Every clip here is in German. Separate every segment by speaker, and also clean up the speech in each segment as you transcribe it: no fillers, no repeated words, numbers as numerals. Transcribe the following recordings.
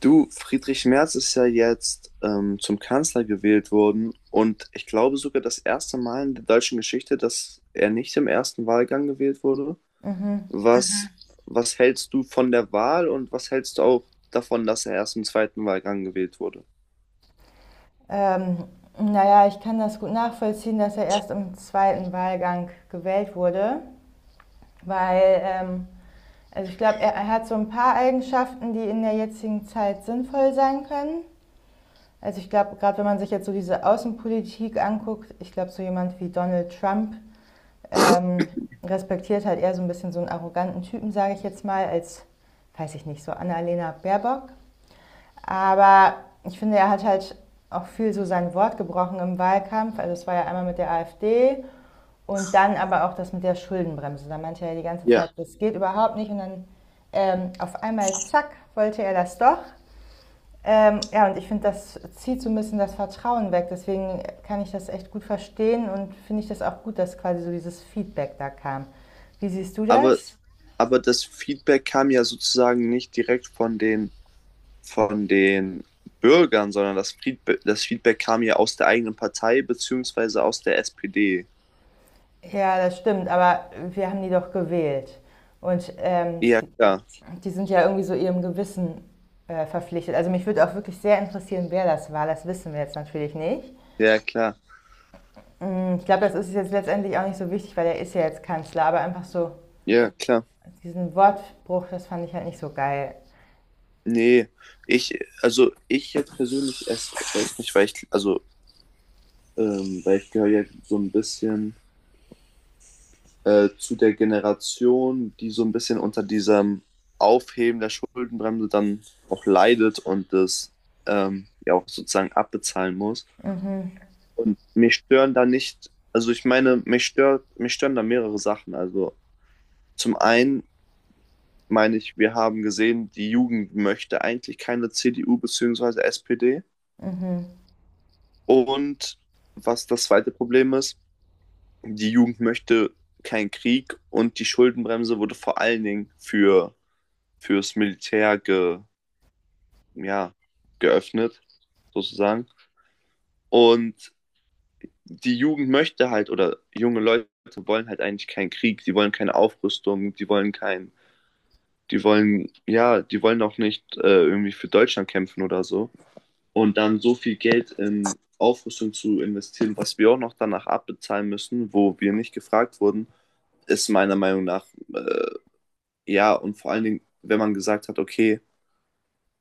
Speaker 1: Du, Friedrich Merz ist ja jetzt zum Kanzler gewählt worden und ich glaube sogar das erste Mal in der deutschen Geschichte, dass er nicht im ersten Wahlgang gewählt wurde.
Speaker 2: Hm.
Speaker 1: Mhm. Was hältst du von der Wahl und was hältst du auch davon, dass er erst im zweiten Wahlgang gewählt wurde?
Speaker 2: Ähm, naja, ich kann das gut nachvollziehen, dass er erst im zweiten Wahlgang gewählt wurde, weil, also ich glaube, er hat so ein paar Eigenschaften, die in der jetzigen Zeit sinnvoll sein können. Also ich glaube, gerade wenn man sich jetzt so diese Außenpolitik anguckt, ich glaube, so jemand wie Donald Trump ähm, respektiert halt eher so ein bisschen so einen arroganten Typen, sage ich jetzt mal, als, weiß ich nicht, so Annalena Baerbock. Aber ich finde, er hat halt auch viel so sein Wort gebrochen im Wahlkampf. Also es war ja einmal mit der AfD und dann aber auch das mit der Schuldenbremse. Da meinte er ja die ganze Zeit,
Speaker 1: Ja,
Speaker 2: das geht überhaupt nicht. Und dann auf einmal, zack, wollte er das doch. Ja, und ich finde, das zieht so ein bisschen das Vertrauen weg. Deswegen kann ich das echt gut verstehen und finde ich das auch gut, dass quasi so dieses Feedback da kam. Wie siehst du
Speaker 1: aber,
Speaker 2: das?
Speaker 1: aber das Feedback kam ja sozusagen nicht direkt von den Bürgern, sondern das Feedback kam ja aus der eigenen Partei beziehungsweise aus der SPD.
Speaker 2: Ja, das stimmt, aber wir haben die doch gewählt. Und
Speaker 1: Ja, klar.
Speaker 2: die sind ja irgendwie so ihrem Gewissen verpflichtet. Also mich würde auch wirklich sehr interessieren, wer das war. Das wissen wir jetzt natürlich nicht.
Speaker 1: Ja, klar.
Speaker 2: Ich glaube, das ist jetzt letztendlich auch nicht so wichtig, weil er ist ja jetzt Kanzler. Aber einfach so
Speaker 1: Ja, klar.
Speaker 2: diesen Wortbruch, das fand ich halt nicht so geil.
Speaker 1: Nee, ich, also ich jetzt persönlich erst weiß nicht, weil ich gehöre ja so ein bisschen zu der Generation, die so ein bisschen unter diesem Aufheben der Schuldenbremse dann auch leidet und das ja auch sozusagen abbezahlen muss.
Speaker 2: Mhm,
Speaker 1: Und mich stören da nicht, also ich meine, mich stören da mehrere Sachen. Also zum einen meine ich, wir haben gesehen, die Jugend möchte eigentlich keine CDU bzw. SPD.
Speaker 2: mhm.
Speaker 1: Und was das zweite Problem ist, die Jugend möchte keinen Krieg und die Schuldenbremse wurde vor allen Dingen fürs Militär ja, geöffnet, sozusagen. Und die Jugend möchte halt, oder junge Leute wollen halt eigentlich keinen Krieg, die wollen keine Aufrüstung, die wollen kein, die wollen, ja, die wollen auch nicht irgendwie für Deutschland kämpfen oder so. Und dann so viel Geld in Aufrüstung zu investieren, was wir auch noch danach abbezahlen müssen, wo wir nicht gefragt wurden, ist meiner Meinung nach, äh, ja, und vor allen Dingen, wenn man gesagt hat, okay,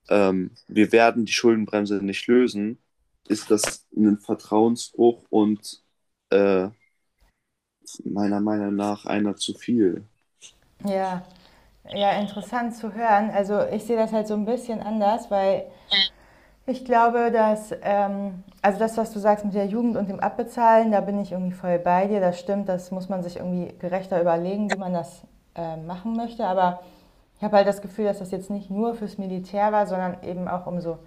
Speaker 1: wir werden die Schuldenbremse nicht lösen, ist das ein Vertrauensbruch und äh, meiner Meinung nach einer zu viel.
Speaker 2: Ja, ja, interessant zu hören. Also ich sehe das halt so ein bisschen anders, weil ich glaube, dass, also das, was du sagst mit der Jugend und dem Abbezahlen, da bin ich irgendwie voll bei dir. Das stimmt, das muss man sich irgendwie gerechter überlegen, wie man das machen möchte. Aber ich habe halt das Gefühl, dass das jetzt nicht nur fürs Militär war, sondern eben auch um so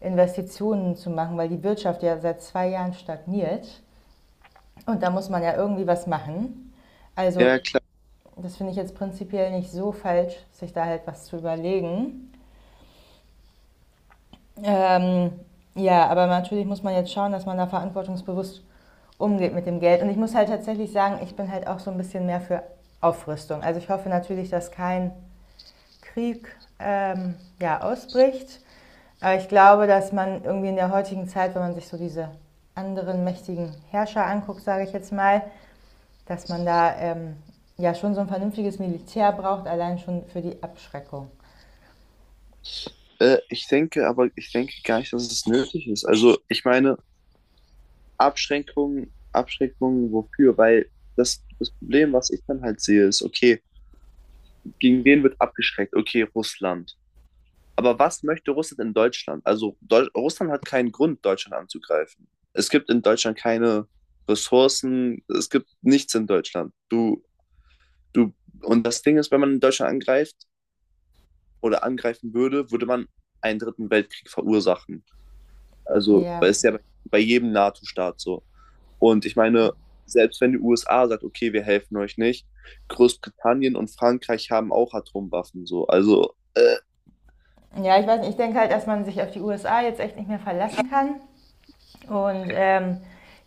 Speaker 2: Investitionen zu machen, weil die Wirtschaft ja seit 2 Jahren stagniert. Und da muss man ja irgendwie was machen. Also
Speaker 1: Ja, klar.
Speaker 2: das finde ich jetzt prinzipiell nicht so falsch, sich da halt was zu überlegen. Ähm, ja, aber natürlich muss man jetzt schauen, dass man da verantwortungsbewusst umgeht mit dem Geld. Und ich muss halt tatsächlich sagen, ich bin halt auch so ein bisschen mehr für Aufrüstung. Also ich hoffe natürlich, dass kein Krieg ja, ausbricht. Aber ich glaube, dass man irgendwie in der heutigen Zeit, wenn man sich so diese anderen mächtigen Herrscher anguckt, sage ich jetzt mal, dass man da ja schon so ein vernünftiges Militär braucht, allein schon für die Abschreckung.
Speaker 1: Ich denke, aber ich denke gar nicht, dass es nötig ist. Also, ich meine, Abschränkungen wofür? Weil das Problem, was ich dann halt sehe, ist, okay, gegen wen wird abgeschreckt? Okay, Russland. Aber was möchte Russland in Deutschland? Also Deu Russland hat keinen Grund, Deutschland anzugreifen. Es gibt in Deutschland keine Ressourcen, es gibt nichts in Deutschland. Du, und das Ding ist, wenn man in Deutschland angreift oder angreifen würde, würde man einen dritten Weltkrieg verursachen. Also, weil
Speaker 2: Ja.
Speaker 1: es ist ja bei, bei jedem NATO-Staat so. Und ich meine, selbst wenn die USA sagt, okay, wir helfen euch nicht, Großbritannien und Frankreich haben auch Atomwaffen so. Also,
Speaker 2: Ja, ich weiß nicht, ich denke halt, dass man sich auf die USA jetzt echt nicht mehr verlassen kann. Und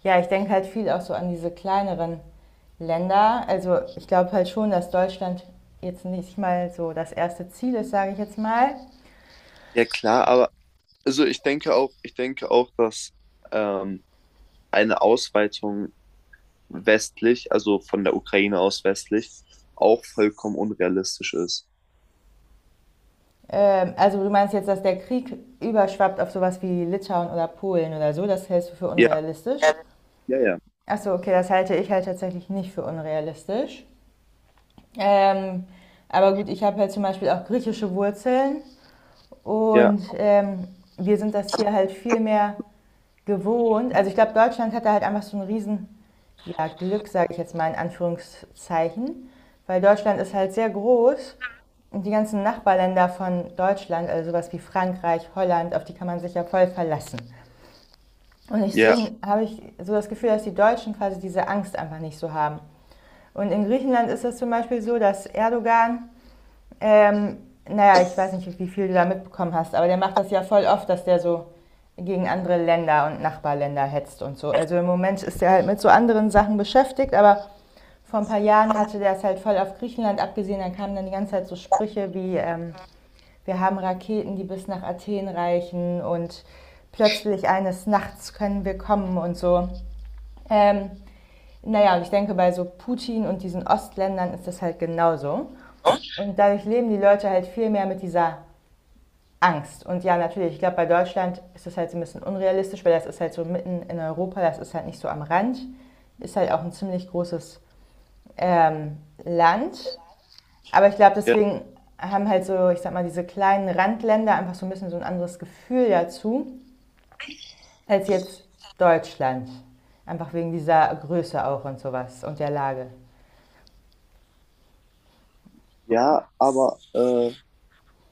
Speaker 2: ja, ich denke halt viel auch so an diese kleineren Länder. Also ich glaube halt schon, dass Deutschland jetzt nicht mal so das erste Ziel ist, sage ich jetzt mal.
Speaker 1: ja klar, aber also ich denke auch, dass ähm, eine Ausweitung westlich, also von der Ukraine aus westlich, auch vollkommen unrealistisch ist.
Speaker 2: Also du meinst jetzt, dass der Krieg überschwappt auf sowas wie Litauen oder Polen oder so, das hältst du für
Speaker 1: Ja,
Speaker 2: unrealistisch.
Speaker 1: ja, ja, ja,
Speaker 2: Achso, okay, das halte ich halt tatsächlich nicht für unrealistisch. Ähm, aber gut, ich habe halt zum Beispiel auch griechische Wurzeln und wir sind das hier halt viel mehr gewohnt. Also ich glaube, Deutschland hatte halt einfach so ein riesen ja, Glück, sage ich jetzt mal in Anführungszeichen, weil Deutschland ist halt sehr groß und die ganzen Nachbarländer von Deutschland, also sowas wie Frankreich, Holland, auf die kann man sich ja voll verlassen. Und
Speaker 1: ja,
Speaker 2: deswegen habe ich so das Gefühl, dass die Deutschen quasi diese Angst einfach nicht so haben. Und in Griechenland ist es zum Beispiel so, dass Erdogan ähm, naja, ich weiß nicht, wie viel du da mitbekommen hast, aber der macht das ja voll oft, dass der so gegen andere Länder und Nachbarländer hetzt und so. Also im Moment ist er halt mit so anderen Sachen beschäftigt, aber vor ein paar Jahren hatte der es halt voll auf Griechenland abgesehen. Dann kamen dann die ganze Zeit so Sprüche wie, wir haben Raketen, die bis nach Athen reichen und plötzlich eines Nachts können wir kommen und so. Ähm, naja, und ich denke, bei so Putin und diesen Ostländern ist das halt genauso. Und dadurch leben die Leute halt viel mehr mit dieser Angst. Und ja, natürlich, ich glaube, bei Deutschland ist das halt so ein bisschen unrealistisch, weil das ist halt so mitten in Europa, das ist halt nicht so am Rand. Ist halt auch ein ziemlich großes ähm, Land. Aber ich glaube,
Speaker 1: ja,
Speaker 2: deswegen haben halt so, ich sag mal, diese kleinen Randländer einfach so ein bisschen so ein anderes Gefühl dazu, als jetzt Deutschland. Einfach wegen dieser Größe auch und sowas und der Lage.
Speaker 1: ja, aber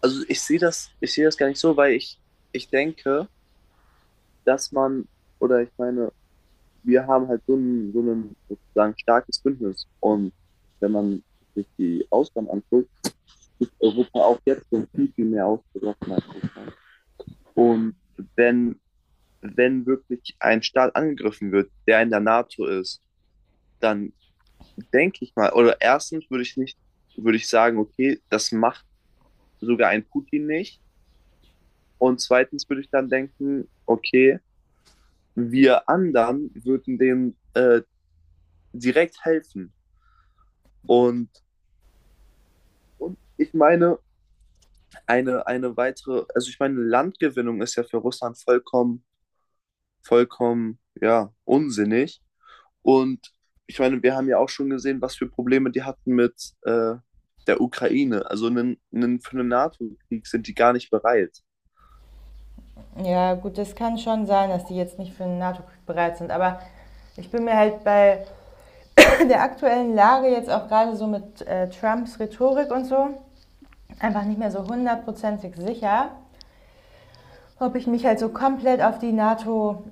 Speaker 1: also ich sehe das gar nicht so, ich denke, dass man, oder ich meine, wir haben halt so so ein sozusagen starkes Bündnis. Und wenn man sich die Ausgaben anguckt, ist Europa auch jetzt schon viel, viel mehr ausgerochen als Russland. Und wenn, wenn wirklich ein Staat angegriffen wird, der in der NATO ist, dann denke ich mal, oder erstens würde ich nicht, würde ich sagen, okay, das macht sogar ein Putin nicht. Und zweitens würde ich dann denken, okay, wir anderen würden denen direkt helfen. Und, und ich meine, also ich meine, Landgewinnung ist ja für Russland vollkommen, vollkommen, ja, unsinnig. Und ich meine, wir haben ja auch schon gesehen, was für Probleme die hatten mit der Ukraine. Also für einen NATO-Krieg sind die gar nicht bereit.
Speaker 2: Ja, gut, das kann schon sein, dass die jetzt nicht für einen NATO-Krieg bereit sind, aber ich bin mir halt bei der aktuellen Lage jetzt auch gerade so mit Trumps Rhetorik und so einfach nicht mehr so hundertprozentig sicher, ob ich mich halt so komplett auf die NATO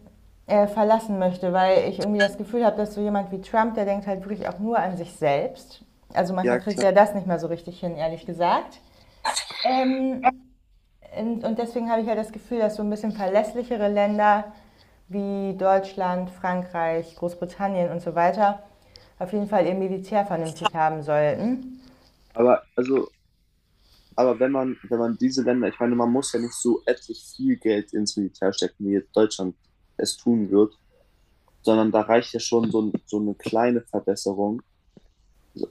Speaker 2: verlassen möchte, weil ich irgendwie das Gefühl habe, dass so jemand wie Trump, der denkt halt wirklich auch nur an sich selbst. Also manchmal
Speaker 1: Ja,
Speaker 2: kriegt
Speaker 1: klar.
Speaker 2: er das nicht mehr so richtig hin, ehrlich gesagt. Ähm, und deswegen habe ich ja halt das Gefühl, dass so ein bisschen verlässlichere Länder wie Deutschland, Frankreich, Großbritannien und so weiter auf jeden Fall ihr Militär vernünftig haben sollten.
Speaker 1: Aber, also, aber wenn man diese Länder, ich meine, man muss ja nicht so etlich viel Geld ins Militär stecken, wie jetzt Deutschland es tun wird. Sondern da reicht ja schon so eine kleine Verbesserung,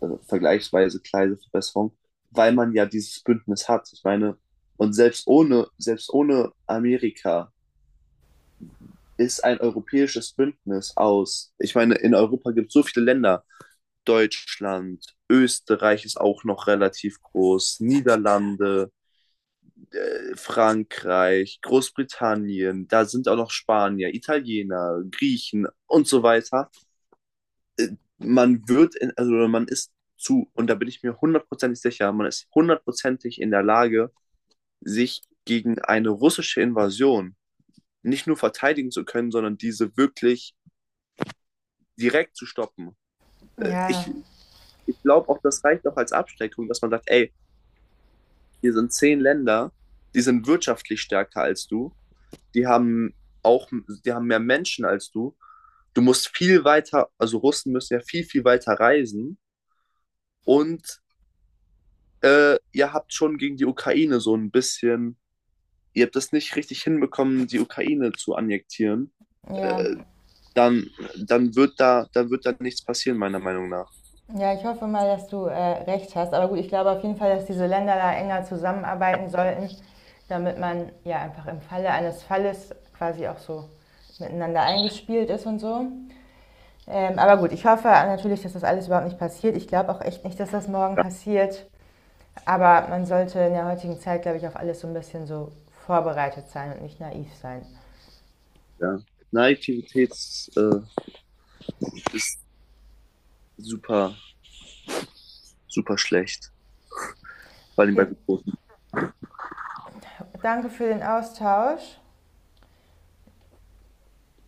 Speaker 1: also vergleichsweise kleine Verbesserung, weil man ja dieses Bündnis hat. Ich meine, und selbst ohne Amerika ist ein europäisches Bündnis aus. Ich meine, in Europa gibt es so viele Länder. Deutschland, Österreich ist auch noch relativ groß, Niederlande, Frankreich, Großbritannien, da sind auch noch Spanier, Italiener, Griechen und so weiter. Äh, man wird, in, also man ist zu, Und da bin ich mir hundertprozentig sicher, man ist hundertprozentig in der Lage, sich gegen eine russische Invasion nicht nur verteidigen zu können, sondern diese wirklich direkt zu stoppen. Äh, Ich,
Speaker 2: Ja,
Speaker 1: Ich glaube auch, das reicht auch als Abschreckung, dass man sagt, ey, hier sind 10 Länder, die sind wirtschaftlich stärker als du, die haben auch, die haben mehr Menschen als du. Du musst viel weiter, also Russen müssen ja viel, viel weiter reisen und ihr habt schon gegen die Ukraine so ein bisschen, ihr habt das nicht richtig hinbekommen, die Ukraine zu annektieren,
Speaker 2: ja.
Speaker 1: äh, dann, dann wird dann wird da nichts passieren, meiner Meinung nach.
Speaker 2: Ja, ich hoffe mal, dass du recht hast. Aber gut, ich glaube auf jeden Fall, dass diese Länder da enger zusammenarbeiten sollten, damit man ja einfach im Falle eines Falles quasi auch so miteinander eingespielt ist und so. Aber gut, ich hoffe natürlich, dass das alles überhaupt nicht passiert. Ich glaube auch echt nicht, dass das morgen
Speaker 1: Ja,
Speaker 2: passiert. Aber man sollte in der heutigen Zeit, glaube ich, auf alles so ein bisschen so vorbereitet sein und nicht naiv sein.
Speaker 1: ja. Naivität äh, ist super, super schlecht, vor allem bei
Speaker 2: Okay,
Speaker 1: so großen
Speaker 2: danke für den Austausch.